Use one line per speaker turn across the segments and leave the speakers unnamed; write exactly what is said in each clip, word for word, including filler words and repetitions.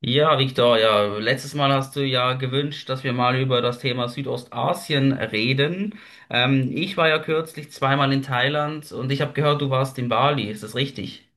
Ja, Victor, ja, letztes Mal hast du ja gewünscht, dass wir mal über das Thema Südostasien reden. Ähm, ich war ja kürzlich zweimal in Thailand und ich habe gehört, du warst in Bali. Ist das richtig?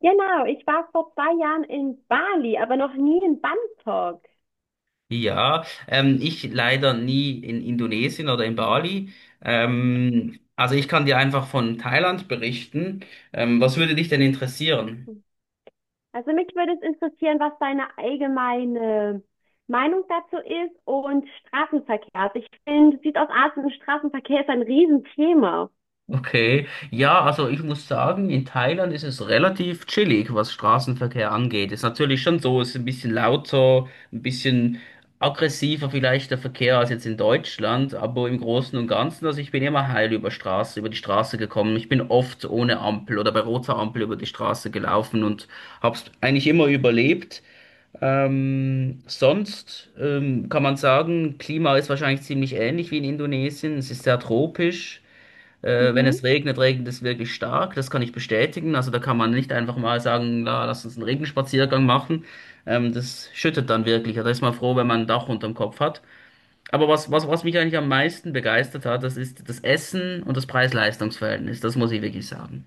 Genau, ich war vor zwei Jahren in Bali, aber noch nie in Bangkok.
Ja, ähm, ich leider nie in Indonesien oder in Bali. Ähm, also ich kann dir einfach von Thailand berichten. Ähm, was würde dich denn interessieren?
Also mich würde es interessieren, was deine allgemeine Meinung dazu ist und Straßenverkehr. Also ich finde, Südostasien, Straßenverkehr ist ein Riesenthema.
Okay, ja, also ich muss sagen, in Thailand ist es relativ chillig, was Straßenverkehr angeht. Ist natürlich schon so, ist ein bisschen lauter, ein bisschen aggressiver vielleicht der Verkehr als jetzt in Deutschland, aber im Großen und Ganzen, also ich bin immer heil über Straße, über die Straße gekommen. Ich bin oft ohne Ampel oder bei roter Ampel über die Straße gelaufen und hab's eigentlich immer überlebt. Ähm, sonst ähm, kann man sagen, Klima ist wahrscheinlich ziemlich ähnlich wie in Indonesien. Es ist sehr tropisch. Äh, wenn
Mhm.
es regnet, regnet es wirklich stark. Das kann ich bestätigen. Also da kann man nicht einfach mal sagen, na, lass uns einen Regenspaziergang machen. Ähm, das schüttet dann wirklich. Also da ist man froh, wenn man ein Dach unterm Kopf hat. Aber was, was, was mich eigentlich am meisten begeistert hat, das ist das Essen und das Preis-Leistungs-Verhältnis. Das muss ich wirklich sagen.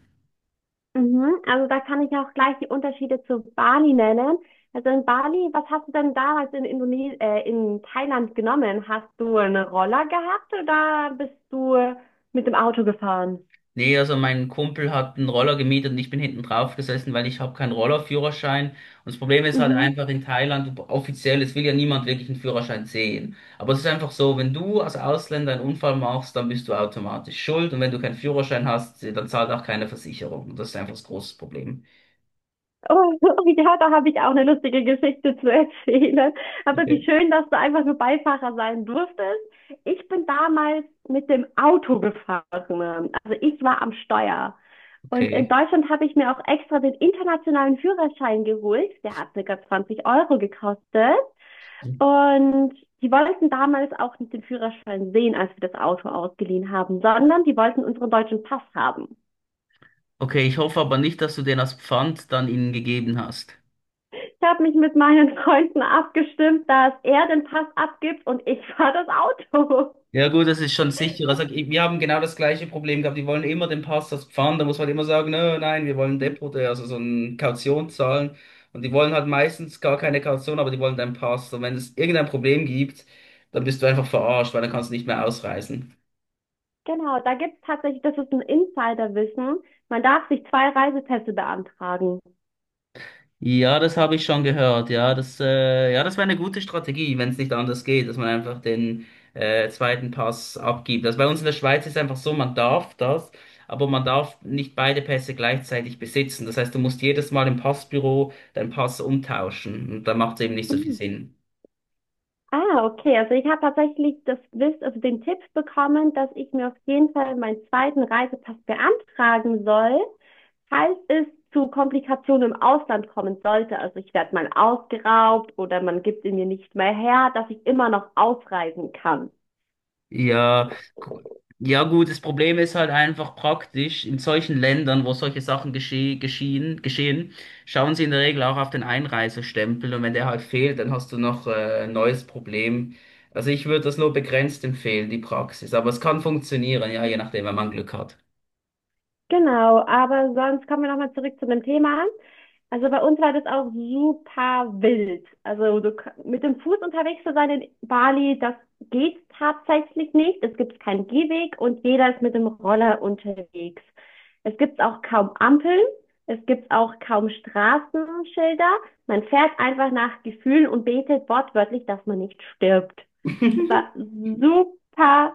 Mhm. Also da kann ich auch gleich die Unterschiede zu Bali nennen. Also in Bali, was hast du denn damals in Indone äh, in Thailand genommen? Hast du einen Roller gehabt oder bist du mit dem Auto gefahren?
Nee, also mein Kumpel hat einen Roller gemietet und ich bin hinten drauf gesessen, weil ich habe keinen Rollerführerschein. Und das Problem ist halt
Mhm.
einfach in Thailand, offiziell, es will ja niemand wirklich einen Führerschein sehen. Aber es ist einfach so, wenn du als Ausländer einen Unfall machst, dann bist du automatisch schuld. Und wenn du keinen Führerschein hast, dann zahlt auch keine Versicherung. Und das ist einfach das große Problem.
Oh, ja, da habe ich auch eine lustige Geschichte zu erzählen. Aber wie
Okay.
schön, dass du einfach nur Beifahrer sein durftest. Ich bin damals mit dem Auto gefahren. Also ich war am Steuer. Und in
Okay.
Deutschland habe ich mir auch extra den internationalen Führerschein geholt. Der hat circa zwanzig Euro gekostet. Und die wollten damals auch nicht den Führerschein sehen, als wir das Auto ausgeliehen haben, sondern die wollten unseren deutschen Pass haben.
Okay, ich hoffe aber nicht, dass du den als Pfand dann ihnen gegeben hast.
Ich habe mich mit meinen Freunden abgestimmt, dass er den Pass abgibt und ich fahre das Auto.
Ja gut, das ist schon sicher. Sag, wir haben genau das gleiche Problem gehabt. Die wollen immer den Pastors Pfand. Da muss man halt immer sagen, nö, nein, wir wollen Depot, äh, also so eine Kaution zahlen. Und die wollen halt meistens gar keine Kaution, aber die wollen deinen Pass. Und wenn es irgendein Problem gibt, dann bist du einfach verarscht, weil dann kannst du nicht mehr ausreisen.
Genau, da gibt es tatsächlich, das ist ein Insiderwissen. Man darf sich zwei Reisepässe beantragen.
Ja, das habe ich schon gehört. Ja, das, äh, ja, das wäre eine gute Strategie, wenn es nicht anders geht, dass man einfach den äh, zweiten Pass abgibt. Also bei uns in der Schweiz ist einfach so, man darf das, aber man darf nicht beide Pässe gleichzeitig besitzen. Das heißt, du musst jedes Mal im Passbüro deinen Pass umtauschen und da macht es eben nicht so viel
Mhm.
Sinn.
Ah, okay. Also ich habe tatsächlich das Wiss, also den Tipp bekommen, dass ich mir auf jeden Fall meinen zweiten Reisepass beantragen soll, falls es zu Komplikationen im Ausland kommen sollte. Also ich werde mal ausgeraubt oder man gibt ihn mir nicht mehr her, dass ich immer noch ausreisen kann.
Ja, gu- ja gut, das Problem ist halt einfach praktisch, in solchen Ländern, wo solche Sachen gesche geschehen, geschehen, schauen sie in der Regel auch auf den Einreisestempel und wenn der halt fehlt, dann hast du noch äh, ein neues Problem. Also ich würde das nur begrenzt empfehlen, die Praxis, aber es kann funktionieren, ja, je nachdem, wenn man Glück hat.
Genau, aber sonst kommen wir nochmal zurück zu dem Thema. Also bei uns war das auch super wild. Also du, k- mit dem Fuß unterwegs zu sein in Bali, das geht tatsächlich nicht. Es gibt keinen Gehweg und jeder ist mit dem Roller unterwegs. Es gibt auch kaum Ampeln. Es gibt auch kaum Straßenschilder. Man fährt einfach nach Gefühlen und betet wortwörtlich, dass man nicht stirbt. Es war super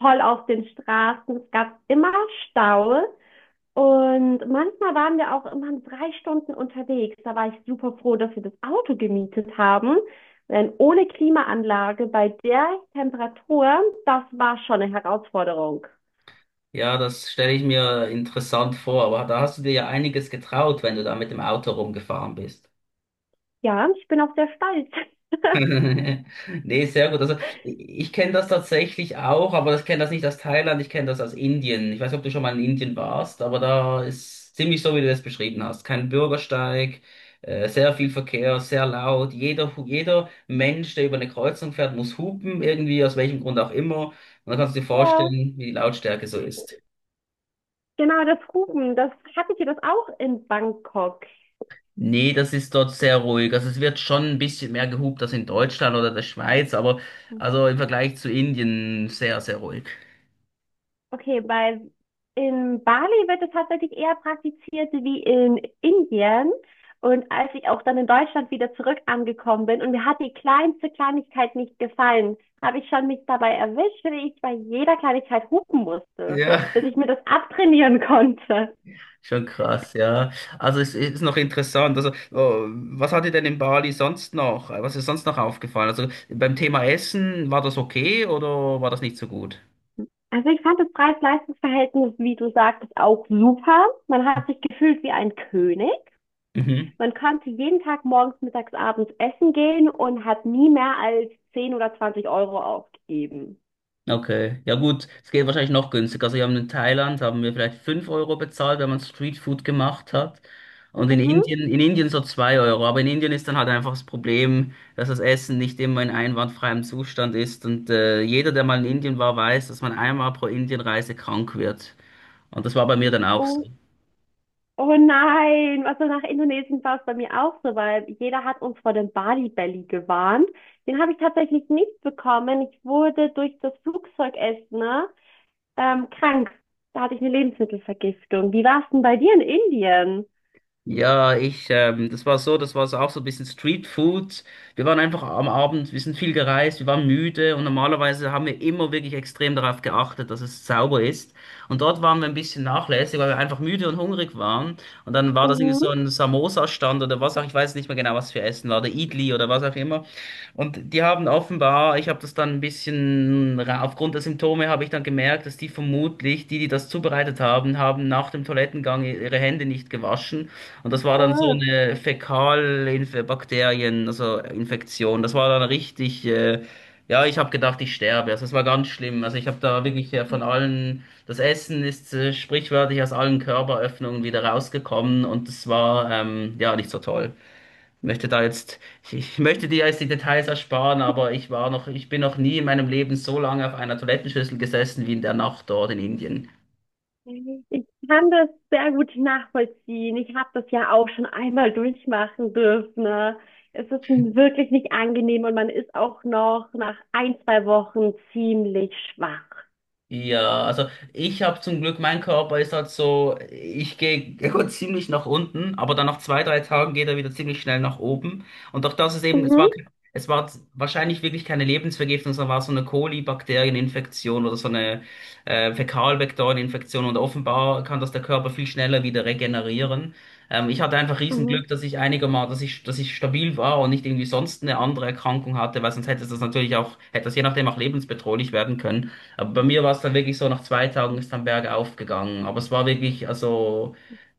voll auf den Straßen. Es gab immer Stau. Und manchmal waren wir auch immer drei Stunden unterwegs. Da war ich super froh, dass wir das Auto gemietet haben. Denn ohne Klimaanlage bei der Temperatur, das war schon eine Herausforderung.
Ja, das stelle ich mir interessant vor, aber da hast du dir ja einiges getraut, wenn du da mit dem Auto rumgefahren bist.
Ja, ich bin auch sehr stolz.
Nee, sehr gut. Also ich kenne das tatsächlich auch, aber ich kenne das nicht aus Thailand, ich kenne das aus Indien. Ich weiß nicht, ob du schon mal in Indien warst, aber da ist ziemlich so, wie du das beschrieben hast. Kein Bürgersteig, äh, sehr viel Verkehr, sehr laut. Jeder, hu- jeder Mensch, der über eine Kreuzung fährt, muss hupen, irgendwie, aus welchem Grund auch immer. Und dann kannst du dir
Ja,
vorstellen, wie die Lautstärke so ist.
genau, das Rufen, das hattet ihr das auch in Bangkok.
Nee, das ist dort sehr ruhig. Also es wird schon ein bisschen mehr gehupt als in Deutschland oder der Schweiz, aber also im Vergleich zu Indien sehr, sehr ruhig.
Okay, bei in Bali wird es tatsächlich eher praktiziert wie in Indien. Und als ich auch dann in Deutschland wieder zurück angekommen bin und mir hat die kleinste Kleinigkeit nicht gefallen, habe ich schon mich dabei erwischt, wie ich bei jeder Kleinigkeit hupen musste,
Ja,
bis ich mir das abtrainieren konnte.
schon krass, ja. Also es ist noch interessant. Also, oh, was hat dir denn in Bali sonst noch? Was ist sonst noch aufgefallen? Also beim Thema Essen, war das okay oder war das nicht so gut?
Also ich fand das Preis-Leistungs-Verhältnis, wie du sagtest, auch super. Man hat sich gefühlt wie ein König.
Mhm.
Man konnte jeden Tag morgens, mittags, abends essen gehen und hat nie mehr als zehn oder zwanzig Euro aufgegeben.
Okay. Ja gut, es geht wahrscheinlich noch günstiger. Also wir haben in Thailand, haben wir vielleicht fünf Euro bezahlt, wenn man Streetfood gemacht hat. Und in
Mhm.
Indien, in Indien so zwei Euro. Aber in Indien ist dann halt einfach das Problem, dass das Essen nicht immer in einwandfreiem Zustand ist. Und äh, jeder, der mal in Indien war, weiß, dass man einmal pro Indienreise krank wird. Und das war bei mir dann auch so.
Oh, oh nein, also nach Indonesien war es bei mir auch so, weil jeder hat uns vor dem Bali Belly gewarnt. Den habe ich tatsächlich nicht bekommen. Ich wurde durch das Flugzeugessen, ne, ähm, krank. Da hatte ich eine Lebensmittelvergiftung. Wie war es denn bei dir in Indien?
Ja, ich, ähm, das war so, das war so auch so ein bisschen Street Food. Wir waren einfach am Abend, wir sind viel gereist, wir waren müde und normalerweise haben wir immer wirklich extrem darauf geachtet, dass es sauber ist. Und dort waren wir ein bisschen nachlässig, weil wir einfach müde und hungrig waren. Und dann war das irgendwie so
Mhm.
ein Samosa-Stand oder was auch, ich weiß nicht mehr genau, was für Essen war, der Idli oder was auch immer. Und die haben offenbar, ich habe das dann ein bisschen, ra- aufgrund der Symptome habe ich dann gemerkt, dass die vermutlich, die, die das zubereitet haben, haben nach dem Toilettengang ihre Hände nicht gewaschen. Und das war dann so
Äh.
eine Fäkalbakterien, also Infektion. Das war dann richtig, äh, ja, ich habe gedacht, ich sterbe. Also es war ganz schlimm. Also ich habe da wirklich äh, von allen, das Essen ist äh, sprichwörtlich aus allen Körperöffnungen wieder rausgekommen und das war ähm, ja nicht so toll. Ich möchte da jetzt, ich, ich möchte dir jetzt die Details ersparen, aber ich war noch, ich bin noch nie in meinem Leben so lange auf einer Toilettenschüssel gesessen wie in der Nacht dort in Indien.
Ich kann das sehr gut nachvollziehen. Ich habe das ja auch schon einmal durchmachen dürfen, ne? Es ist wirklich nicht angenehm und man ist auch noch nach ein, zwei Wochen ziemlich schwach.
Ja, also ich habe zum Glück, mein Körper ist halt so, ich gehe er geht ziemlich nach unten, aber dann nach zwei, drei Tagen geht er wieder ziemlich schnell nach oben. Und auch das ist eben, es war,
Mhm,
es war wahrscheinlich wirklich keine Lebensvergiftung, sondern war so eine Kolibakterieninfektion oder so eine äh, Fäkalvektoreninfektion und offenbar kann das der Körper viel schneller wieder regenerieren. Ähm, ich hatte einfach
mhm.
Riesenglück, dass ich einigermaßen, dass ich, dass ich stabil war und nicht irgendwie sonst eine andere Erkrankung hatte, weil sonst hätte das natürlich auch, hätte das je nachdem auch lebensbedrohlich werden können. Aber bei mir war es dann wirklich so, nach zwei Tagen ist dann bergauf gegangen. Aber es war wirklich, also,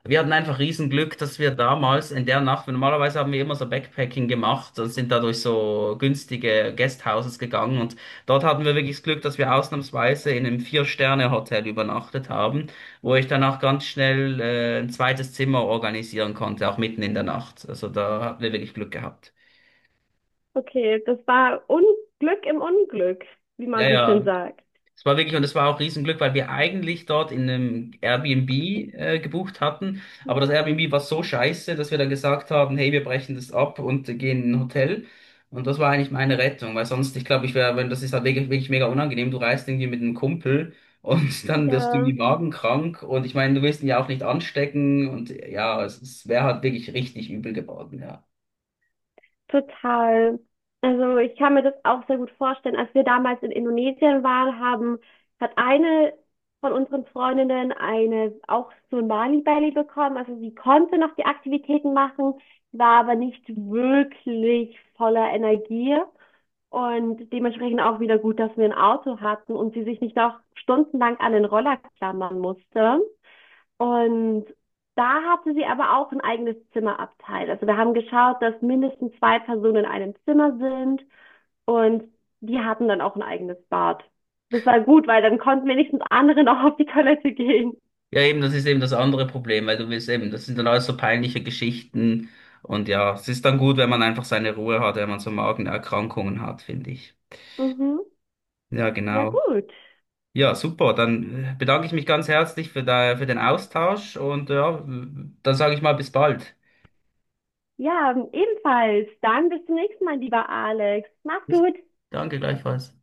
wir hatten einfach Riesenglück, dass wir damals in der Nacht, weil normalerweise haben wir immer so Backpacking gemacht und sind da durch so günstige Guesthouses gegangen. Und dort hatten wir wirklich das Glück, dass wir ausnahmsweise in einem Vier-Sterne-Hotel übernachtet haben, wo ich danach ganz schnell äh, ein zweites Zimmer organisieren konnte, auch mitten in der Nacht. Also da hatten wir wirklich Glück gehabt.
Okay, das war Unglück im Unglück, wie
Ja,
man so schön
ja,
sagt.
es war wirklich, und es war auch Riesenglück, weil wir eigentlich dort in einem Airbnb äh, gebucht hatten. Aber das Airbnb war so scheiße, dass wir dann gesagt haben, hey, wir brechen das ab und gehen in ein Hotel. Und das war eigentlich meine Rettung, weil sonst, ich glaube, ich wäre, wenn das ist halt wirklich, wirklich mega unangenehm. Du reist irgendwie mit einem Kumpel und dann wirst du
Ja.
irgendwie magenkrank. Und ich meine, du willst ihn ja auch nicht anstecken. Und ja, es, es wäre halt wirklich richtig übel geworden, ja.
Total. Also ich kann mir das auch sehr gut vorstellen. Als wir damals in Indonesien waren, haben, hat eine von unseren Freundinnen eine auch so ein Mali-Belly bekommen. Also sie konnte noch die Aktivitäten machen, war aber nicht wirklich voller Energie und dementsprechend auch wieder gut, dass wir ein Auto hatten und sie sich nicht noch stundenlang an den Roller klammern musste. Und da hatte sie aber auch ein eigenes Zimmerabteil. Also wir haben geschaut, dass mindestens zwei Personen in einem Zimmer sind und die hatten dann auch ein eigenes Bad. Das war gut, weil dann konnten wenigstens andere noch auf die Toilette gehen.
Ja, eben, das ist eben das andere Problem, weil du willst eben, das sind dann alles so peinliche Geschichten und ja, es ist dann gut, wenn man einfach seine Ruhe hat, wenn man so Magenerkrankungen hat, finde ich.
Mhm.
Ja,
Ja,
genau.
gut.
Ja, super, dann äh, bedanke ich mich ganz herzlich für, da, für den Austausch und ja, dann sage ich mal bis bald.
Ja, ebenfalls. Dann bis zum nächsten Mal, lieber Alex. Mach's
Bis-
gut.
Danke gleichfalls.